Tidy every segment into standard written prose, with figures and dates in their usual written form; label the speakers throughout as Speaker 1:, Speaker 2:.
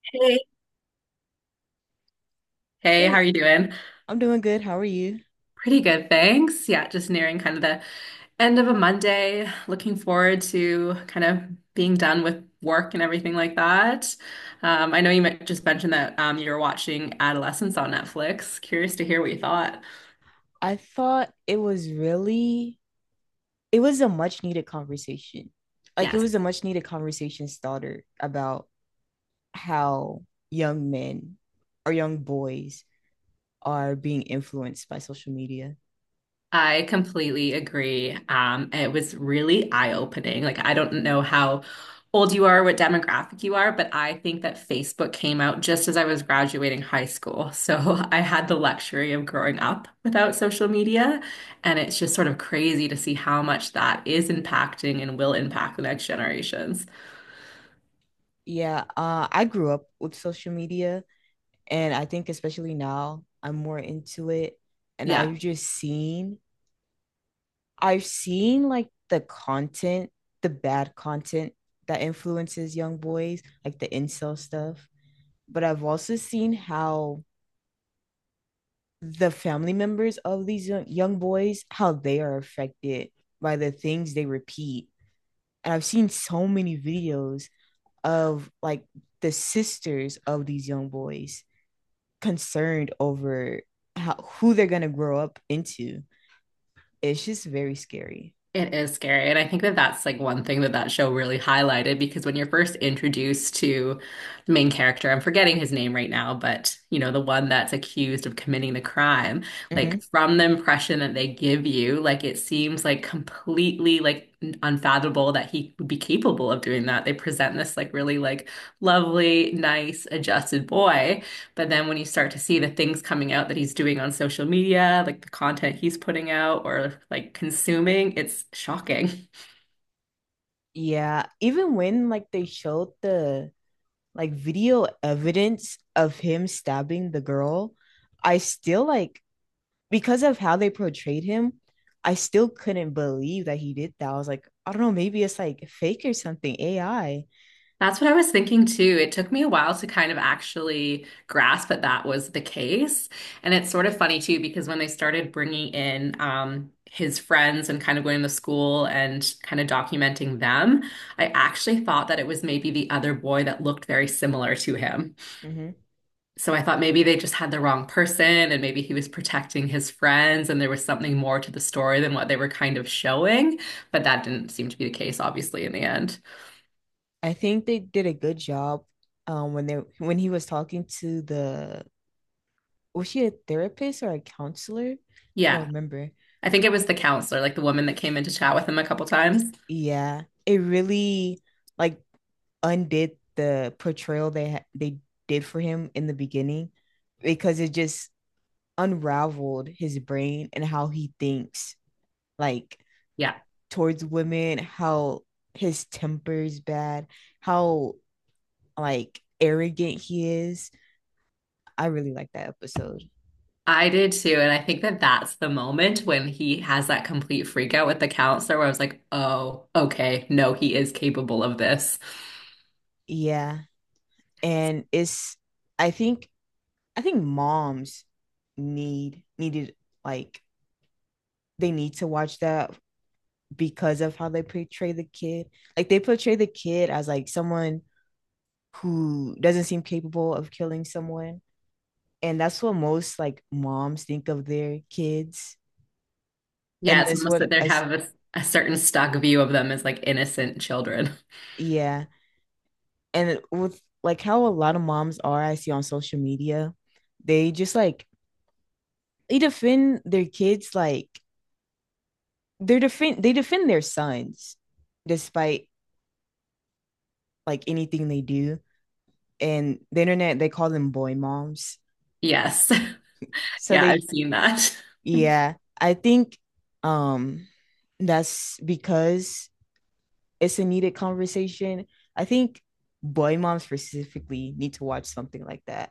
Speaker 1: Hey. Hey, how
Speaker 2: Hey,
Speaker 1: are you doing?
Speaker 2: I'm doing good. How are you?
Speaker 1: Pretty good, thanks. Yeah, just nearing kind of the end of a Monday. Looking forward to kind of being done with work and everything like that. I know you just mentioned that you were watching Adolescence on Netflix. Curious to hear what you thought.
Speaker 2: I thought it was really, it was a much needed conversation. Like it
Speaker 1: Yes.
Speaker 2: was a much needed conversation starter about how young men or young boys are being influenced by social media.
Speaker 1: I completely agree. It was really eye-opening. Like, I don't know how old you are, what demographic you are, but I think that Facebook came out just as I was graduating high school. So I had the luxury of growing up without social media. And it's just sort of crazy to see how much that is impacting and will impact the next generations.
Speaker 2: Yeah, I grew up with social media, and I think especially now I'm more into it, and
Speaker 1: Yeah.
Speaker 2: I've just seen like the content, the bad content that influences young boys, like the incel stuff. But I've also seen how the family members of these young boys, how they are affected by the things they repeat. And I've seen so many videos of like the sisters of these young boys concerned over how, who they're going to grow up into. It's just very scary.
Speaker 1: It is scary. And I think that that's like one thing that that show really highlighted because when you're first introduced to the main character, I'm forgetting his name right now, but you know, the one that's accused of committing the crime, like
Speaker 2: Mhm.
Speaker 1: from the impression that they give you, like it seems like completely like unfathomable that he would be capable of doing that. They present this like really like lovely, nice, adjusted boy. But then when you start to see the things coming out that he's doing on social media, like the content he's putting out or like consuming, it's shocking.
Speaker 2: Yeah, even when like they showed the like video evidence of him stabbing the girl, I still like because of how they portrayed him, I still couldn't believe that he did that. I was like, I don't know, maybe it's like fake or something, AI.
Speaker 1: That's what I was thinking too. It took me a while to kind of actually grasp that that was the case. And it's sort of funny too, because when they started bringing in his friends and kind of going to school and kind of documenting them, I actually thought that it was maybe the other boy that looked very similar to him.
Speaker 2: hmm
Speaker 1: So I thought maybe they just had the wrong person and maybe he was protecting his friends and there was something more to the story than what they were kind of showing. But that didn't seem to be the case, obviously, in the end.
Speaker 2: I think they did a good job when they when he was talking to the was she a therapist or a counselor? I don't
Speaker 1: Yeah,
Speaker 2: remember.
Speaker 1: I think it was the counselor, like the woman that came in to chat with him a couple times.
Speaker 2: Yeah, it really like undid the portrayal they did for him in the beginning because it just unraveled his brain and how he thinks like
Speaker 1: Yeah,
Speaker 2: towards women, how his temper is bad, how like arrogant he is. I really like that episode.
Speaker 1: I did too. And I think that that's the moment when he has that complete freak out with the counselor where I was like, oh, okay, no, he is capable of this.
Speaker 2: Yeah. And it's I think I think moms needed like they need to watch that because of how they portray the kid. Like they portray the kid as like someone who doesn't seem capable of killing someone. And that's what most like moms think of their kids.
Speaker 1: Yeah,
Speaker 2: And
Speaker 1: it's
Speaker 2: that's
Speaker 1: almost that
Speaker 2: what
Speaker 1: they
Speaker 2: I s-
Speaker 1: have a certain stock view of them as like innocent children.
Speaker 2: Yeah. And with like how a lot of moms are I see on social media, they just like they defend their kids like They defend their sons despite like anything they do. And the internet they call them boy moms.
Speaker 1: Yes.
Speaker 2: So
Speaker 1: Yeah, I've
Speaker 2: they
Speaker 1: seen that.
Speaker 2: Yeah, I think um that's because it's a needed conversation. I think boy moms specifically need to watch something like that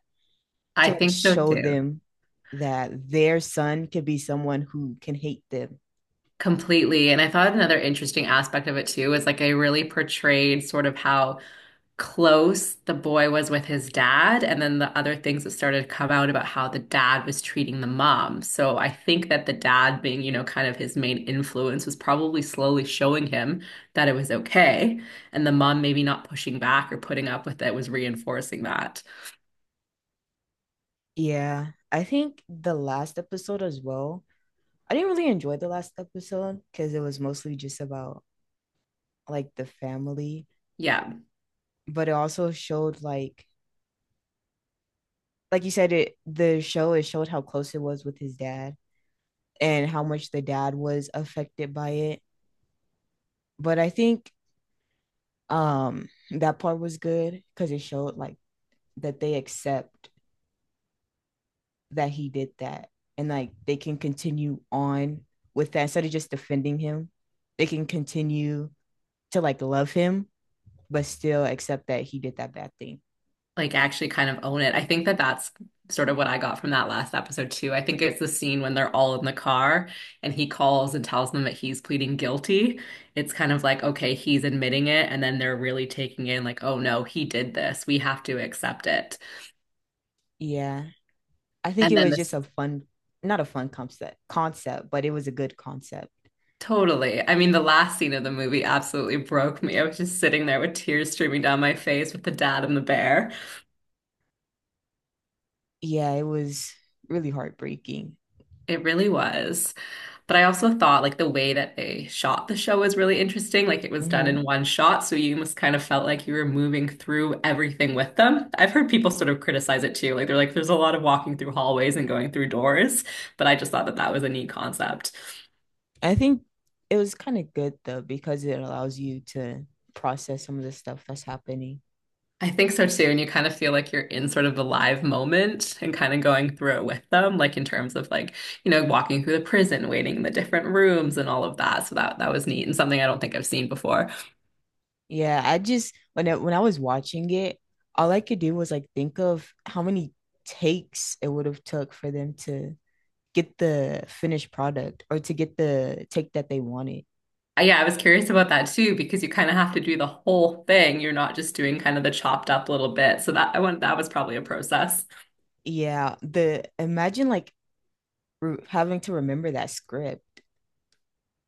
Speaker 1: I
Speaker 2: to like
Speaker 1: think so
Speaker 2: show
Speaker 1: too.
Speaker 2: them that their son could be someone who can hate them.
Speaker 1: Completely. And I thought another interesting aspect of it too is like they really portrayed sort of how close the boy was with his dad, and then the other things that started to come out about how the dad was treating the mom. So I think that the dad being, you know, kind of his main influence was probably slowly showing him that it was okay. And the mom maybe not pushing back or putting up with it was reinforcing that.
Speaker 2: Yeah, I think the last episode as well. I didn't really enjoy the last episode because it was mostly just about like the family,
Speaker 1: Yeah,
Speaker 2: but it also showed like you said it the show it showed how close it was with his dad and how much the dad was affected by it. But I think that part was good because it showed like that they accept that he did that and like they can continue on with that instead of just defending him. They can continue to like love him but still accept that he did that bad thing.
Speaker 1: like actually kind of own it. I think that that's sort of what I got from that last episode too. I think it's the scene when they're all in the car and he calls and tells them that he's pleading guilty. It's kind of like, okay, he's admitting it, and then they're really taking in like, oh no, he did this. We have to accept it.
Speaker 2: Yeah. I think
Speaker 1: And
Speaker 2: it
Speaker 1: then
Speaker 2: was
Speaker 1: this
Speaker 2: just a fun, Not a fun concept, concept, but it was a good concept.
Speaker 1: totally. I mean, the last scene of the movie absolutely broke me. I was just sitting there with tears streaming down my face with the dad and the bear.
Speaker 2: Yeah, it was really heartbreaking.
Speaker 1: It really was. But I also thought like the way that they shot the show was really interesting. Like it was done
Speaker 2: hmm
Speaker 1: in one shot, so you almost kind of felt like you were moving through everything with them. I've heard people sort of criticize it too. Like they're like, there's a lot of walking through hallways and going through doors, but I just thought that that was a neat concept.
Speaker 2: I think it was kind of good though because it allows you to process some of the stuff that's happening.
Speaker 1: I think so too, and you kind of feel like you're in sort of the live moment and kind of going through it with them, like in terms of like, you know, walking through the prison, waiting in the different rooms and all of that. So that that was neat and something I don't think I've seen before.
Speaker 2: Yeah, I just when I was watching it, all I could do was like think of how many takes it would have took for them to get the finished product or to get the take that they wanted.
Speaker 1: Yeah, I was curious about that too because you kind of have to do the whole thing. You're not just doing kind of the chopped up little bit. So that I want that was probably a process.
Speaker 2: Yeah, the imagine like re having to remember that script.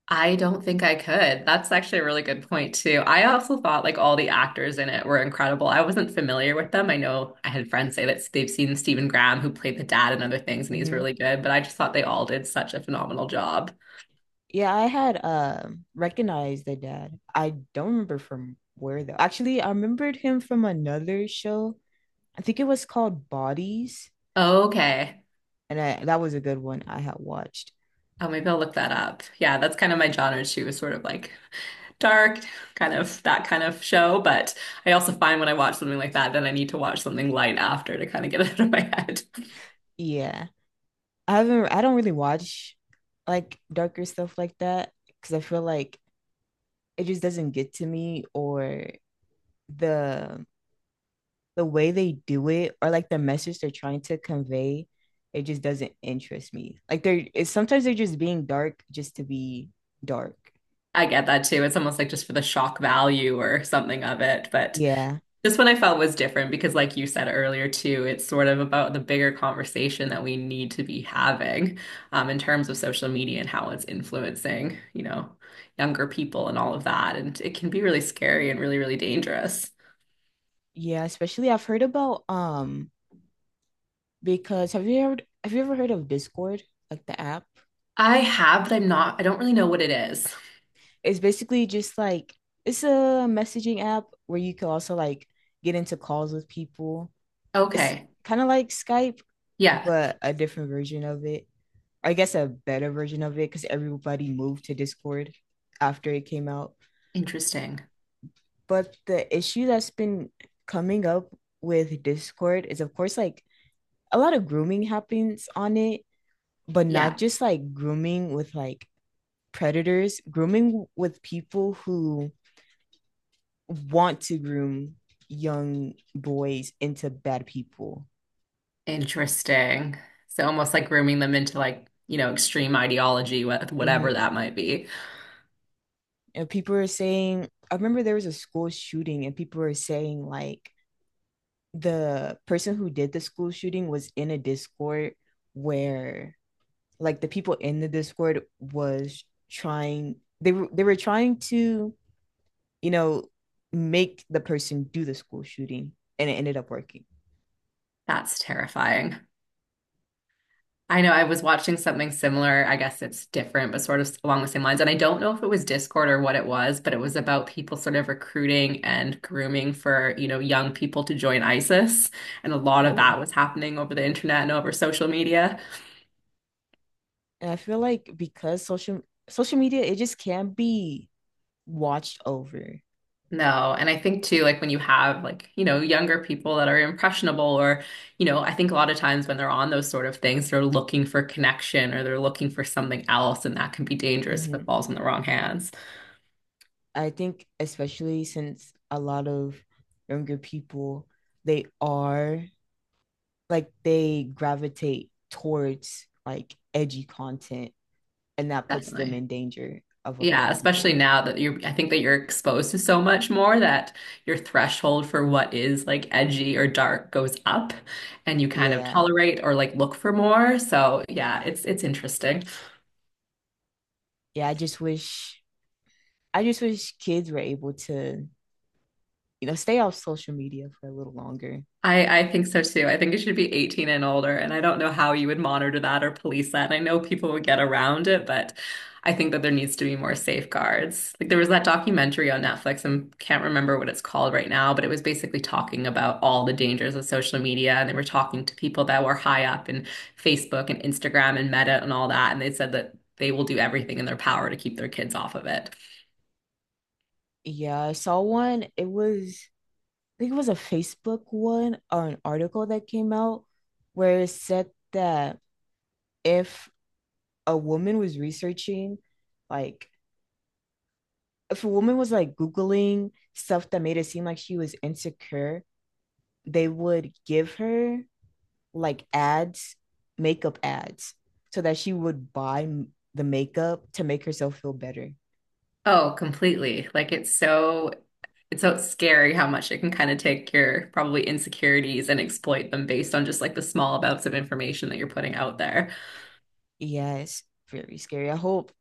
Speaker 1: I don't think I could. That's actually a really good point too. I also thought like all the actors in it were incredible. I wasn't familiar with them. I know I had friends say that they've seen Stephen Graham who played the dad and other things and he's
Speaker 2: hmm
Speaker 1: really good, but I just thought they all did such a phenomenal job.
Speaker 2: Yeah, I had recognized the dad. I don't remember from where though. Actually, I remembered him from another show. I think it was called Bodies,
Speaker 1: Okay.
Speaker 2: and I, that was a good one I had watched.
Speaker 1: Oh, maybe I'll look that up. Yeah, that's kind of my genre too, is sort of like dark, kind of that kind of show. But I also find when I watch something like that, then I need to watch something light after to kind of get it out of my head.
Speaker 2: Yeah, I haven't. I don't really watch like darker stuff like that because I feel like it just doesn't get to me, or the the way they do it or like the message they're trying to convey, it just doesn't interest me. Like they're it's, sometimes they're just being dark just to be dark.
Speaker 1: I get that too. It's almost like just for the shock value or something of it. But
Speaker 2: Yeah.
Speaker 1: this one I felt was different because, like you said earlier, too, it's sort of about the bigger conversation that we need to be having in terms of social media and how it's influencing, you know, younger people and all of that. And it can be really scary and really, really dangerous.
Speaker 2: Yeah, especially I've heard about because have you ever heard of Discord, like the app?
Speaker 1: I have, but I don't really know what it is.
Speaker 2: It's basically just like it's a messaging app where you can also like get into calls with people. It's
Speaker 1: Okay.
Speaker 2: kind of like Skype,
Speaker 1: Yeah.
Speaker 2: but a different version of it. I guess a better version of it because everybody moved to Discord after it came out.
Speaker 1: Interesting.
Speaker 2: But the issue that's been coming up with Discord is, of course, like a lot of grooming happens on it, but not
Speaker 1: Yeah.
Speaker 2: just like grooming with like predators, grooming with people who want to groom young boys into bad people.
Speaker 1: Interesting. So almost like grooming them into like, you know, extreme ideology, whatever
Speaker 2: Mm-hmm.
Speaker 1: that might be.
Speaker 2: And people are saying, I remember there was a school shooting, and people were saying, like, the person who did the school shooting was in a Discord where like the people in the Discord was trying they were trying to, you know, make the person do the school shooting and it ended up working.
Speaker 1: That's terrifying. I know I was watching something similar. I guess it's different, but sort of along the same lines. And I don't know if it was Discord or what it was, but it was about people sort of recruiting and grooming for, you know, young people to join ISIS. And a lot of
Speaker 2: Oh.
Speaker 1: that was happening over the internet and over social media.
Speaker 2: And I feel like because social media it just can't be watched over.
Speaker 1: No, and I think too, like when you have like, you know, younger people that are impressionable or, you know, I think a lot of times when they're on those sort of things, they're looking for connection or they're looking for something else, and that can be dangerous if it
Speaker 2: hmm
Speaker 1: falls in the wrong hands.
Speaker 2: I think especially since a lot of younger people they are like they gravitate towards like edgy content and that puts them
Speaker 1: Definitely.
Speaker 2: in danger of a lot
Speaker 1: Yeah,
Speaker 2: of
Speaker 1: especially
Speaker 2: people.
Speaker 1: now that I think that you're exposed to so much more that your threshold for what is like edgy or dark goes up and you kind of
Speaker 2: Yeah.
Speaker 1: tolerate or like look for more. So yeah, it's interesting.
Speaker 2: Yeah, I just wish kids were able to, you know, stay off social media for a little longer.
Speaker 1: I think so too. I think it should be 18 and older. And I don't know how you would monitor that or police that. And I know people would get around it, but I think that there needs to be more safeguards. Like there was that documentary on Netflix, and can't remember what it's called right now, but it was basically talking about all the dangers of social media. And they were talking to people that were high up in Facebook and Instagram and Meta and all that. And they said that they will do everything in their power to keep their kids off of it.
Speaker 2: Yeah, I saw one. It was I think it was a Facebook one or an article that came out where it said that if a woman was researching like if a woman was like googling stuff that made it seem like she was insecure they would give her like ads makeup ads so that she would buy m- the makeup to make herself feel better.
Speaker 1: Oh, completely. Like it's so scary how much it can kind of take your probably insecurities and exploit them based on just like the small amounts of information that you're putting out there.
Speaker 2: Yeah, it's very scary. I hope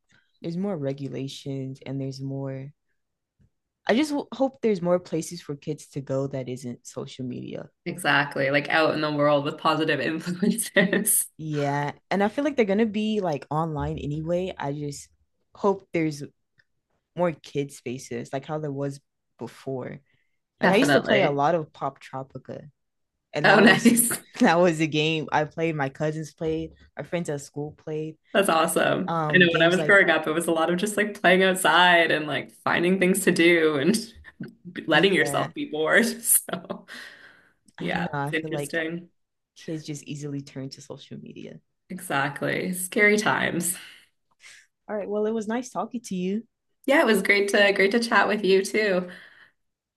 Speaker 2: there's more regulations and there's more. Hope there's more places for kids to go that isn't social media.
Speaker 1: Exactly. Like out in the world with positive influences.
Speaker 2: Yeah, and I feel like they're gonna be like online anyway. I just hope there's more kid spaces, like how there was before. Like I used to play a
Speaker 1: Definitely.
Speaker 2: lot of Pop Tropica, and
Speaker 1: Oh,
Speaker 2: that was
Speaker 1: nice.
Speaker 2: that was a game I played. My cousins played, my friends at school played.
Speaker 1: That's awesome. I know when I
Speaker 2: Games
Speaker 1: was
Speaker 2: like
Speaker 1: growing up, it was a lot of just like playing outside and like finding things to do and letting
Speaker 2: Yeah,
Speaker 1: yourself be bored. So,
Speaker 2: I don't
Speaker 1: yeah,
Speaker 2: know. I
Speaker 1: it's
Speaker 2: feel like
Speaker 1: interesting.
Speaker 2: kids just easily turn to social media.
Speaker 1: Exactly. Scary times.
Speaker 2: All right, well, it was nice talking to you.
Speaker 1: Yeah, it was great to chat with you too.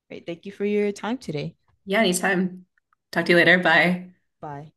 Speaker 2: All right, thank you for your time today.
Speaker 1: Yeah, anytime. Talk to you later. Bye.
Speaker 2: Bye.